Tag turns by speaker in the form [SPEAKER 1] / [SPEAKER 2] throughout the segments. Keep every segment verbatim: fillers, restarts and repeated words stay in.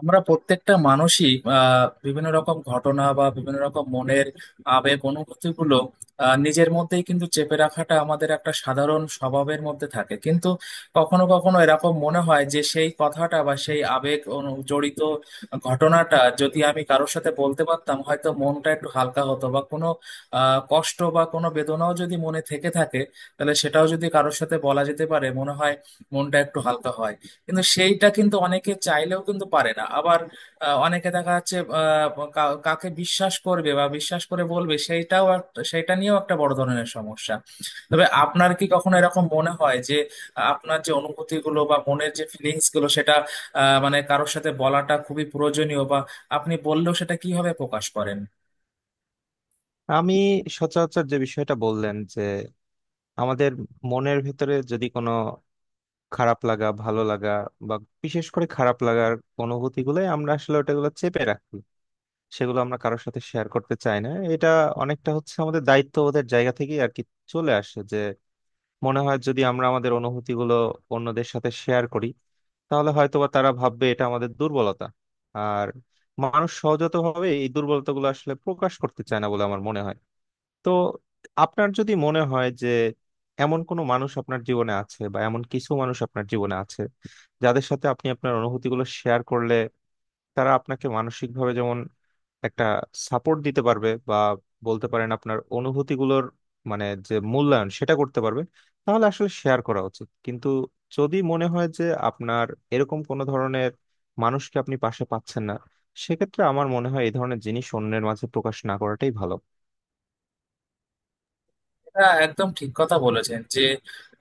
[SPEAKER 1] আমরা প্রত্যেকটা মানুষই আহ, বিভিন্ন রকম ঘটনা বা বিভিন্ন রকম মনের আবেগ অনুভূতিগুলো আহ, নিজের মধ্যেই কিন্তু চেপে রাখাটা আমাদের একটা সাধারণ স্বভাবের মধ্যে থাকে। কিন্তু কখনো কখনো এরকম মনে হয় যে সেই কথাটা বা সেই আবেগ অনু- জড়িত ঘটনাটা যদি আমি কারোর সাথে বলতে পারতাম, হয়তো মনটা একটু হালকা হতো। বা কোনো আহ কষ্ট বা কোনো বেদনাও যদি মনে থেকে থাকে, তাহলে সেটাও যদি কারোর সাথে বলা যেতে পারে, মনে হয় মনটা একটু হালকা হয়। কিন্তু সেইটা কিন্তু অনেকে চাইলেও কিন্তু পারে না। আবার আহ, অনেকে দেখা যাচ্ছে, আহ, কা- কাকে বিশ্বাস করবে বা বিশ্বাস করে বলবে, সেইটাও এক- সেইটা নিয়েও একটা বড় ধরনের সমস্যা। তবে আপনার কি কখনো এরকম মনে হয় যে আহ, আপনার যে অনুভূতিগুলো বা মনের যে ফিলিংস গুলো, সেটা আহ, মানে কারোর সাথে বলাটা খুবই প্রয়োজনীয়? বা আপনি বললেও সেটা কিভাবে প্রকাশ করেন?
[SPEAKER 2] আমি সচরাচর যে বিষয়টা বললেন যে আমাদের মনের ভিতরে যদি কোনো খারাপ লাগা ভালো লাগা বা বিশেষ করে খারাপ লাগার অনুভূতি গুলো আমরা আসলে ওটাগুলো চেপে রাখি, সেগুলো আমরা কারোর সাথে শেয়ার করতে চাই না। এটা অনেকটা হচ্ছে আমাদের দায়িত্ববোধের জায়গা থেকেই আর কি চলে আসে যে, মনে হয় যদি আমরা আমাদের অনুভূতি গুলো অন্যদের সাথে শেয়ার করি তাহলে হয়তোবা তারা ভাববে এটা আমাদের দুর্বলতা। আর মানুষ সহজাতভাবে এই দুর্বলতাগুলো আসলে প্রকাশ করতে চায় না বলে আমার মনে হয়। তো আপনার যদি মনে হয় যে এমন কোনো মানুষ আপনার জীবনে আছে বা এমন কিছু মানুষ আপনার জীবনে আছে, যাদের সাথে আপনি আপনার অনুভূতিগুলো শেয়ার করলে তারা আপনাকে মানসিকভাবে যেমন একটা সাপোর্ট দিতে পারবে বা বলতে পারেন আপনার অনুভূতিগুলোর মানে যে মূল্যায়ন সেটা করতে পারবে, তাহলে আসলে শেয়ার করা উচিত। কিন্তু যদি মনে হয় যে আপনার এরকম কোনো ধরনের মানুষকে আপনি পাশে পাচ্ছেন না, সেক্ষেত্রে আমার মনে হয় এই ধরনের জিনিস অন্যের মাঝে প্রকাশ না করাটাই ভালো।
[SPEAKER 1] হ্যাঁ, একদম ঠিক কথা বলেছেন যে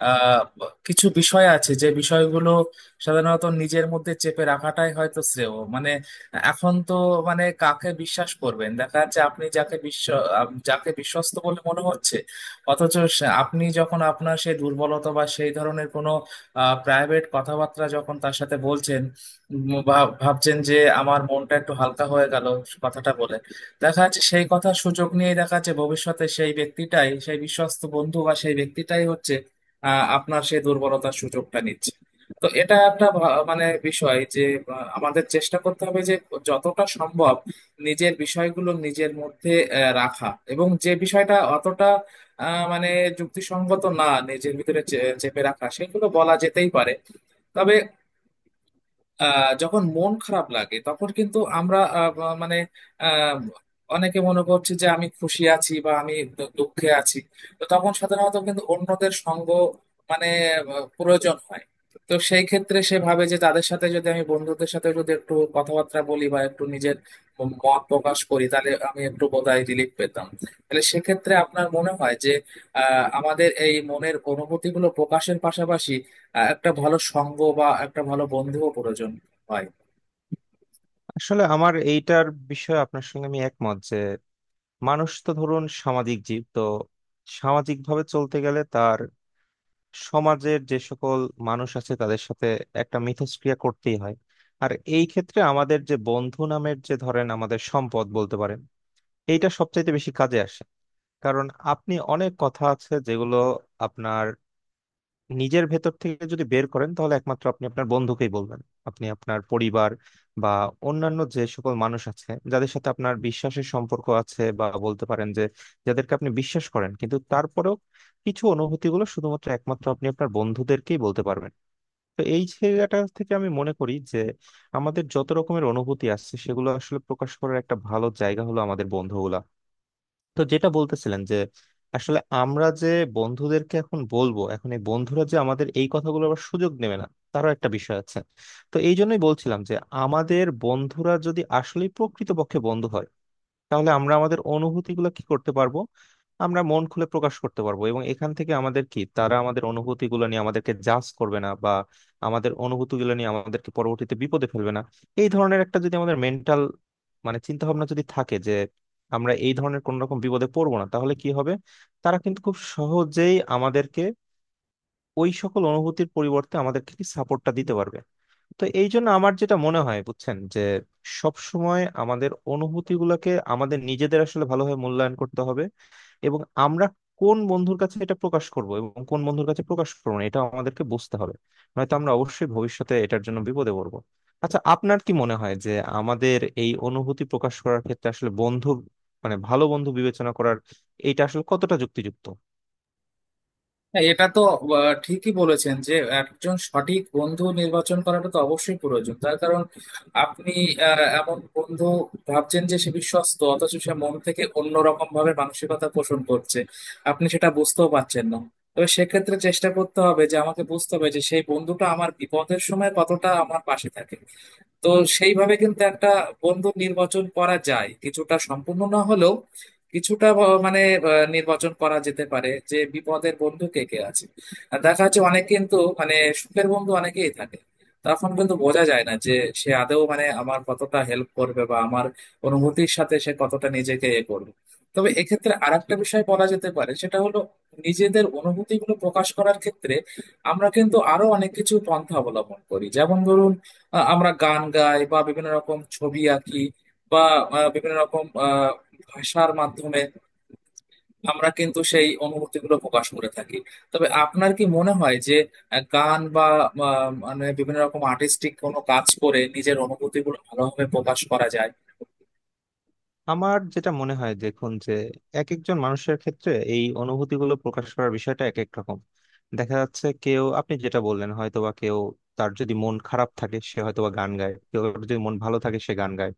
[SPEAKER 1] আহ, কিছু বিষয় আছে, যে বিষয়গুলো সাধারণত নিজের মধ্যে চেপে রাখাটাই হয়তো শ্রেয়। মানে এখন তো মানে কাকে বিশ্বাস করবেন? দেখা যাচ্ছে আপনি যাকে বিশ্ব আপ- যাকে বিশ্বস্ত বলে মনে হচ্ছে, অথচ সে- আপনি যখন আপনার সেই দুর্বলতা বা সেই ধরনের কোনো প্রাইভেট কথাবার্তা যখন তার সাথে বলছেন, উম, বা ভাবছেন যে আমার মনটা একটু হালকা হয়ে গেল কথাটা বলে, দেখা যাচ্ছে সেই কথা সুযোগ নিয়ে দেখা যাচ্ছে ভবিষ্যতে সেই ব্যক্তিটাই, সেই বিশ্বস্ত বন্ধু বা সেই ব্যক্তিটাই হচ্ছে আহ, আপনার সেই দুর্বলতার সুযোগটা নিচ্ছে। তো এটা একটা ভা- মানে বিষয় যে আহ, আমাদের চেষ্টা করতে হবে যে যতটা সম্ভব নিজের বিষয়গুলো নিজের মধ্যে আহ, রাখা, এবং যে বিষয়টা অতটা আহ, মানে যুক্তিসঙ্গত না নিজের ভিতরে চে- চেপে রাখা, সেগুলো বলা যেতেই পারে। তবে আহ যখন মন খারাপ লাগে তখন কিন্তু আমরা আহ, ব- মানে আহ, অনেকে মনে করছে যে আমি খুশি আছি বা আমি দু- দুঃখে আছি। তো তখন সাধারণত কিন্তু অন্যদের সঙ্গ মানে আহ, প্রয়োজন হয়। তো সেই ক্ষেত্রে সে ভাবে যে তাদের সাথে যদি আমি, বন্ধুদের সাথে যদি একটু কথাবার্তা বলি বা একটু নিজের ম- মত প্রকাশ করি, তাহলে আমি একটু বোধহয় রিলিফ পেতাম। তাহলে সেক্ষেত্রে আপনার মনে হয় যে আহ আমাদের এই মনের অনুভূতিগুলো প্রকাশের পাশাপাশি আহ, একটা ভালো সঙ্গ বা একটা ভালো বন্ধুও প্রয়োজন হয়?
[SPEAKER 2] আসলে আমার এইটার বিষয়ে আপনার সঙ্গে আমি একমত যে মানুষ তো ধরুন সামাজিক জীব, তো সামাজিক ভাবে চলতে গেলে তার সমাজের যে সকল মানুষ আছে তাদের সাথে একটা মিথস্ক্রিয়া করতেই হয়। আর এই ক্ষেত্রে আমাদের যে বন্ধু নামের যে ধরেন আমাদের সম্পদ বলতে পারেন, এইটা সবচাইতে বেশি কাজে আসে। কারণ আপনি অনেক কথা আছে যেগুলো আপনার নিজের ভেতর থেকে যদি বের করেন তাহলে একমাত্র আপনি আপনার বন্ধুকেই বলবেন। আপনি আপনার পরিবার বা অন্যান্য যে সকল মানুষ আছে যাদের সাথে আপনার বিশ্বাসের সম্পর্ক আছে বা বলতে পারেন যে যাদেরকে আপনি বিশ্বাস করেন, কিন্তু তারপরেও কিছু অনুভূতিগুলো শুধুমাত্র একমাত্র আপনি আপনার বন্ধুদেরকেই বলতে পারবেন। তো এই জায়গাটা থেকে আমি মনে করি যে আমাদের যত রকমের অনুভূতি আসছে সেগুলো আসলে প্রকাশ করার একটা ভালো জায়গা হলো আমাদের বন্ধুগুলা। তো যেটা বলতেছিলেন যে আসলে আমরা যে বন্ধুদেরকে এখন বলবো, এখন এই বন্ধুরা যে আমাদের এই কথাগুলো আবার সুযোগ নেবে না, তারও একটা বিষয় আছে। তো এই জন্যই বলছিলাম যে আমাদের বন্ধুরা যদি আসলে প্রকৃতপক্ষে বন্ধু হয়, তাহলে আমরা আমাদের অনুভূতিগুলো কি করতে পারবো? আমরা মন খুলে প্রকাশ করতে পারবো, এবং এখান থেকে আমাদের কি তারা আমাদের অনুভূতিগুলো নিয়ে আমাদেরকে জাজ করবে না বা আমাদের অনুভূতিগুলো নিয়ে আমাদেরকে পরবর্তীতে বিপদে ফেলবে না, এই ধরনের একটা যদি আমাদের মেন্টাল মানে চিন্তা ভাবনা যদি থাকে যে আমরা এই ধরনের কোন রকম বিপদে পড়বো না, তাহলে কি হবে, তারা কিন্তু খুব সহজেই আমাদেরকে ওই সকল অনুভূতির পরিবর্তে আমাদেরকে কি সাপোর্টটা দিতে পারবে। তো এই জন্য আমার যেটা মনে হয় বুঝছেন যে সব সময় আমাদের অনুভূতিগুলোকে আমাদের নিজেদের আসলে ভালোভাবে মূল্যায়ন করতে হবে। এবং আমরা কোন বন্ধুর কাছে এটা প্রকাশ করব এবং কোন বন্ধুর কাছে প্রকাশ করবো না, এটা আমাদেরকে বুঝতে হবে। নয়তো আমরা অবশ্যই ভবিষ্যতে এটার জন্য বিপদে পড়বো। আচ্ছা, আপনার কি মনে হয় যে আমাদের এই অনুভূতি প্রকাশ করার ক্ষেত্রে আসলে বন্ধু মানে ভালো বন্ধু বিবেচনা করার এটা আসলে কতটা যুক্তিযুক্ত?
[SPEAKER 1] হ্যাঁ, এটা তো আহ, ঠিকই বলেছেন যে একজন সঠিক বন্ধু নির্বাচন করাটা তো অবশ্যই প্রয়োজন। তার কারণ আপনি আহ, এমন বন্ধু ভাবছেন যে সে বিশ্বস্ত, অথচ সে মন থেকে অন্যরকম ভাবে মানসিকতা পোষণ করছে, আপনি সেটা বুঝতেও পারছেন না। তবে সেক্ষেত্রে চেষ্টা করতে হবে যে আমাকে বুঝতে হবে যে সেই বন্ধুটা আমার বিপদের সময় কতটা আমার পাশে থাকে। তো সেইভাবে কিন্তু একটা বন্ধু নির্বাচন করা যায়, কিছুটা সম্পূর্ণ না হলেও কিছুটা ব- মানে আহ, নির্বাচন করা যেতে পারে যে বিপদের বন্ধু কে কে আছে। আর দেখা যাচ্ছে অনেক কিন্তু মানে সুখের বন্ধু অনেকেই থাকে, তখন কিন্তু বোঝা যায় না যে সে আদৌ মানে আমার কতটা হেল্প করবে বা আমার অনুভূতির সাথে সে কতটা নিজেকে এ করবে। তবে এক্ষেত্রে আরেকটা বিষয় বলা যেতে পারে, সেটা হলো নিজেদের অনুভূতিগুলো প্রকাশ করার ক্ষেত্রে আমরা কিন্তু আরো অনেক কিছু পন্থা অবলম্বন করি। যেমন ধরুন আহ, আমরা গান গাই বা বিভিন্ন রকম ছবি আঁকি, বা আহ, বিভিন্ন রকম আহ, ভাষার মাধ্যমে আমরা কিন্তু সেই অনুভূতিগুলো প্রকাশ করে থাকি। তবে আপনার কি মনে হয় যে আহ, গান বা আহ, মানে বিভিন্ন রকম আর্টিস্টিক কোনো কাজ করে নিজের অনুভূতিগুলো ভালোভাবে প্রকাশ করা যায়?
[SPEAKER 2] আমার যেটা মনে হয় দেখুন যে এক একজন মানুষের ক্ষেত্রে এই অনুভূতিগুলো প্রকাশ করার বিষয়টা এক এক রকম। দেখা যাচ্ছে কেউ, আপনি যেটা বললেন, হয়তোবা কেউ তার যদি মন খারাপ থাকে সে হয়তোবা গান গায়, কেউ যদি মন ভালো থাকে সে গান গায়।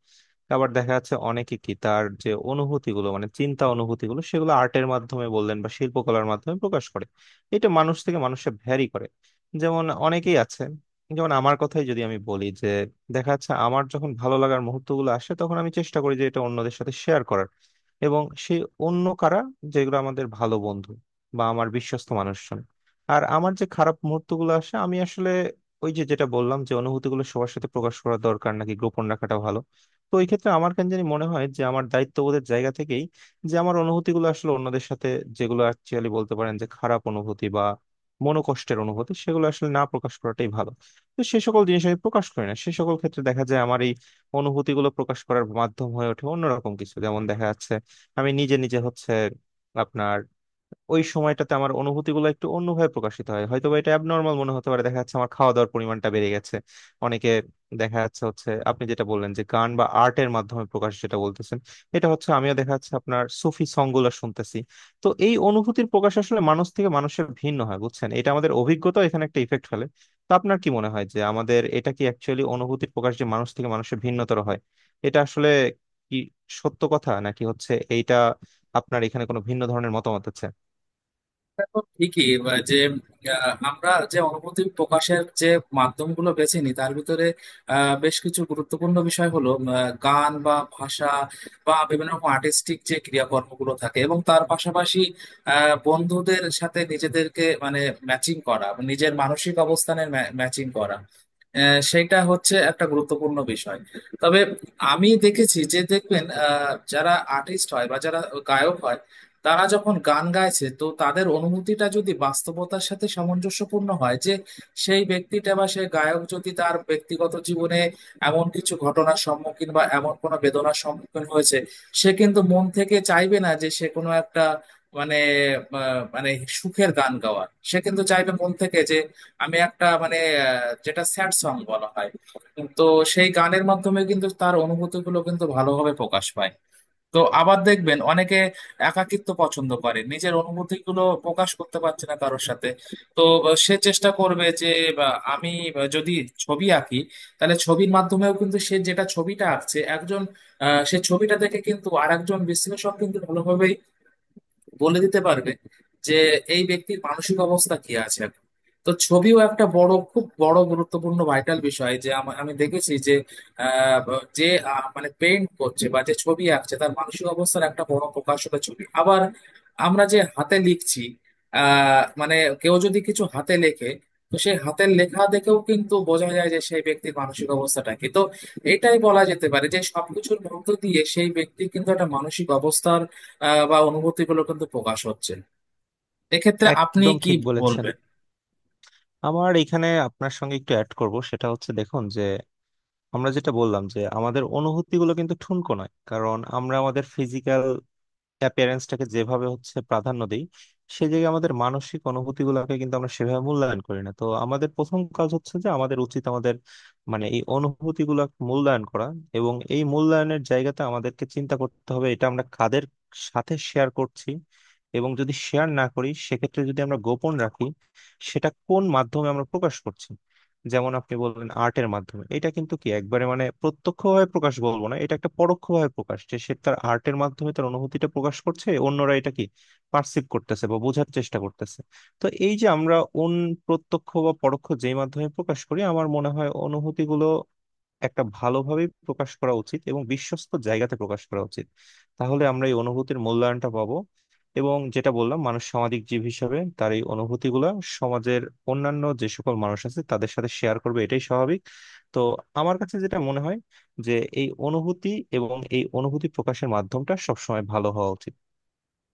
[SPEAKER 2] আবার দেখা যাচ্ছে অনেকে কি তার যে অনুভূতিগুলো মানে চিন্তা অনুভূতিগুলো সেগুলো আর্টের মাধ্যমে বললেন বা শিল্পকলার মাধ্যমে প্রকাশ করে। এটা মানুষ থেকে মানুষে ভ্যারি করে। যেমন অনেকেই আছে, যেমন আমার কথাই যদি আমি বলি যে দেখা যাচ্ছে আমার যখন ভালো লাগার মুহূর্তগুলো আসে তখন আমি চেষ্টা করি যে এটা অন্যদের সাথে শেয়ার করার। এবং সেই অন্য কারা? যেগুলো আমাদের ভালো বন্ধু বা আমার বিশ্বস্ত মানুষজন। আর আমার যে খারাপ মুহূর্তগুলো আসে, আমি আসলে ওই যে যেটা বললাম যে অনুভূতিগুলো সবার সাথে প্রকাশ করা দরকার নাকি গোপন রাখাটা ভালো, তো এই ক্ষেত্রে আমার কেন জানি মনে হয় যে আমার দায়িত্ববোধের জায়গা থেকেই যে আমার অনুভূতিগুলো আসলে অন্যদের সাথে, যেগুলো অ্যাকচুয়ালি বলতে পারেন যে খারাপ অনুভূতি বা মনোকষ্টের অনুভূতি সেগুলো আসলে না প্রকাশ করাটাই ভালো। তো সে সকল জিনিস আমি প্রকাশ করি না, সে সকল ক্ষেত্রে দেখা যায় আমার এই অনুভূতিগুলো প্রকাশ করার মাধ্যম হয়ে ওঠে অন্যরকম কিছু। যেমন দেখা যাচ্ছে আমি নিজে নিজে হচ্ছে আপনার ওই সময়টাতে আমার অনুভূতিগুলো একটু অন্যভাবে প্রকাশিত হয়, হয়তো বা এটা অ্যাবনর্মাল মনে হতে পারে, দেখা যাচ্ছে আমার খাওয়া দাওয়ার পরিমাণটা বেড়ে গেছে। অনেকে, দেখা যাচ্ছে হচ্ছে আপনি যেটা বললেন যে গান বা আর্টের মাধ্যমে প্রকাশ যেটা বলতেছেন, এটা হচ্ছে আমিও দেখা যাচ্ছে আপনার সুফি সংগুলো শুনতেছি। তো এই অনুভূতির প্রকাশ আসলে মানুষ থেকে মানুষের ভিন্ন হয় বুঝছেন, এটা আমাদের অভিজ্ঞতা এখানে একটা ইফেক্ট ফেলে। তো আপনার কি মনে হয় যে আমাদের এটা কি অ্যাকচুয়ালি অনুভূতির প্রকাশ যে মানুষ থেকে মানুষের ভিন্নতর হয়, এটা আসলে কি সত্য কথা নাকি হচ্ছে এইটা আপনার এখানে কোনো ভিন্ন ধরনের মতামত আছে?
[SPEAKER 1] এটা তো ঠিকই বা যে আহ, আমরা যে অনুভূতি প্রকাশের যে মাধ্যমগুলো বেছে নিই তার ভিতরে আহ, বেশ কিছু গুরুত্বপূর্ণ বিষয় হলো আহ, গান বা ভাষা বা বিভিন্ন রকম আর্টিস্টিক যে ক্রিয়াকর্মগুলো থাকে, এবং তার পাশাপাশি আহ, বন্ধুদের সাথে নিজেদেরকে মানে ম্যাচিং করা, নিজের মানসিক অবস্থানের ম্যাচিং করা, আহ, সেটা হচ্ছে একটা গুরুত্বপূর্ণ বিষয়। তবে আমি দেখেছি যে দেখবেন আহ, যারা আর্টিস্ট হয় বা যারা গায়ক হয়, তারা যখন গান গাইছে, তো তাদের অনুভূতিটা যদি বাস্তবতার সাথে সামঞ্জস্যপূর্ণ হয় যে সেই ব্যক্তিটা বা সেই গায়ক যদি তার ব্যক্তিগত জীবনে এমন কিছু ঘটনার সম্মুখীন বা এমন কোনো বেদনার সম্মুখীন হয়েছে, সে কিন্তু মন থেকে চাইবে না যে সে কোনো একটা মানে আহ, মানে সুখের গান গাওয়ার। সে কিন্তু চাইবে মন থেকে যে আমি একটা মানে আহ, যেটা স্যাড সং বলা হয়। তো সেই গানের মাধ্যমে কিন্তু তার অনুভূতিগুলো কিন্তু ভালোভাবে প্রকাশ পায়। তো আবার দেখবেন অনেকে একাকিত্ব পছন্দ করে, নিজের অনুভূতিগুলো প্রকাশ করতে পারছে না কারোর সাথে। তো আহ, সে চেষ্টা করবে যে বা, আমি আহ, যদি ছবি আঁকি, তাহলে ছবির মাধ্যমেও কিন্তু সে যেটা ছবিটা আঁকছে একজন, আহ, সে ছবিটা দেখে কিন্তু আরেকজন বিশ্লেষক কিন্তু ভালোভাবেই বলে দিতে পারবে যে এই ব্যক্তির মানসিক অবস্থা কি আছে এখন। তো ছবিও একটা বড়, খুব বড় গুরুত্বপূর্ণ ভাইটাল বিষয় যে আমা- আমি দেখেছি যে আহ, ব- যে আহ, মানে পেইন্ট করছে বা যে ছবি আঁকছে, তার মানসিক অবস্থার একটা বড় প্রকাশ হলো ছবি। আবার আমরা যে হাতে লিখছি, আহ মানে কেউ যদি কিছু হাতে লেখে, তো সেই হাতের লেখা দেখেও কিন্তু বোঝা যায় যে সেই ব্যক্তির মানসিক অবস্থাটা কি। তো এটাই বলা যেতে পারে যে সবকিছুর মধ্য দিয়ে সেই ব্যক্তির কিন্তু একটা মানসিক অবস্থার আহ, বা অনুভূতিগুলো কিন্তু প্রকাশ হচ্ছে। এক্ষেত্রে আপনি
[SPEAKER 2] একদম
[SPEAKER 1] কি
[SPEAKER 2] ঠিক বলেছেন।
[SPEAKER 1] বলবেন?
[SPEAKER 2] আমার এখানে আপনার সঙ্গে একটু অ্যাড করব, সেটা হচ্ছে দেখুন যে আমরা যেটা বললাম যে আমাদের অনুভূতিগুলো কিন্তু ঠুনকো নয়, কারণ আমরা আমাদের ফিজিক্যাল প্যারেন্টসটাকে যেভাবে হচ্ছে প্রাধান্য দিই, সেই জায়গায় আমাদের মানসিক অনুভূতি গুলাকে কিন্তু আমরা সেভাবে মূল্যায়ন করি না। তো আমাদের প্রথম কাজ হচ্ছে যে আমাদের উচিত আমাদের মানে এই অনুভূতি গুলা মূল্যায়ন করা। এবং এই মূল্যায়নের জায়গাতে আমাদেরকে চিন্তা করতে হবে এটা আমরা কাদের সাথে শেয়ার করছি, এবং যদি শেয়ার না করি সেক্ষেত্রে যদি আমরা গোপন রাখি, সেটা কোন মাধ্যমে আমরা প্রকাশ করছি। যেমন আপনি বললেন আর্টের মাধ্যমে, এটা কিন্তু কি একবারে মানে প্রত্যক্ষভাবে প্রকাশ বলবো না, এটা একটা পরোক্ষভাবে প্রকাশ যে সে তার আর্টের মাধ্যমে তার অনুভূতিটা প্রকাশ করছে, অন্যরা এটা কি পার্সিভ করতেছে বা বোঝার চেষ্টা করতেছে। তো এই যে আমরা অন প্রত্যক্ষ বা পরোক্ষ যেই মাধ্যমে প্রকাশ করি, আমার মনে হয় অনুভূতিগুলো একটা ভালোভাবে প্রকাশ করা উচিত এবং বিশ্বস্ত জায়গাতে প্রকাশ করা উচিত। তাহলে আমরা এই অনুভূতির মূল্যায়নটা পাবো। এবং যেটা বললাম মানুষ সামাজিক জীব হিসাবে তার এই অনুভূতিগুলা সমাজের অন্যান্য যে সকল মানুষ আছে তাদের সাথে শেয়ার করবে, এটাই স্বাভাবিক। তো আমার কাছে যেটা মনে হয় যে এই অনুভূতি এবং এই অনুভূতি প্রকাশের মাধ্যমটা সবসময় ভালো হওয়া উচিত।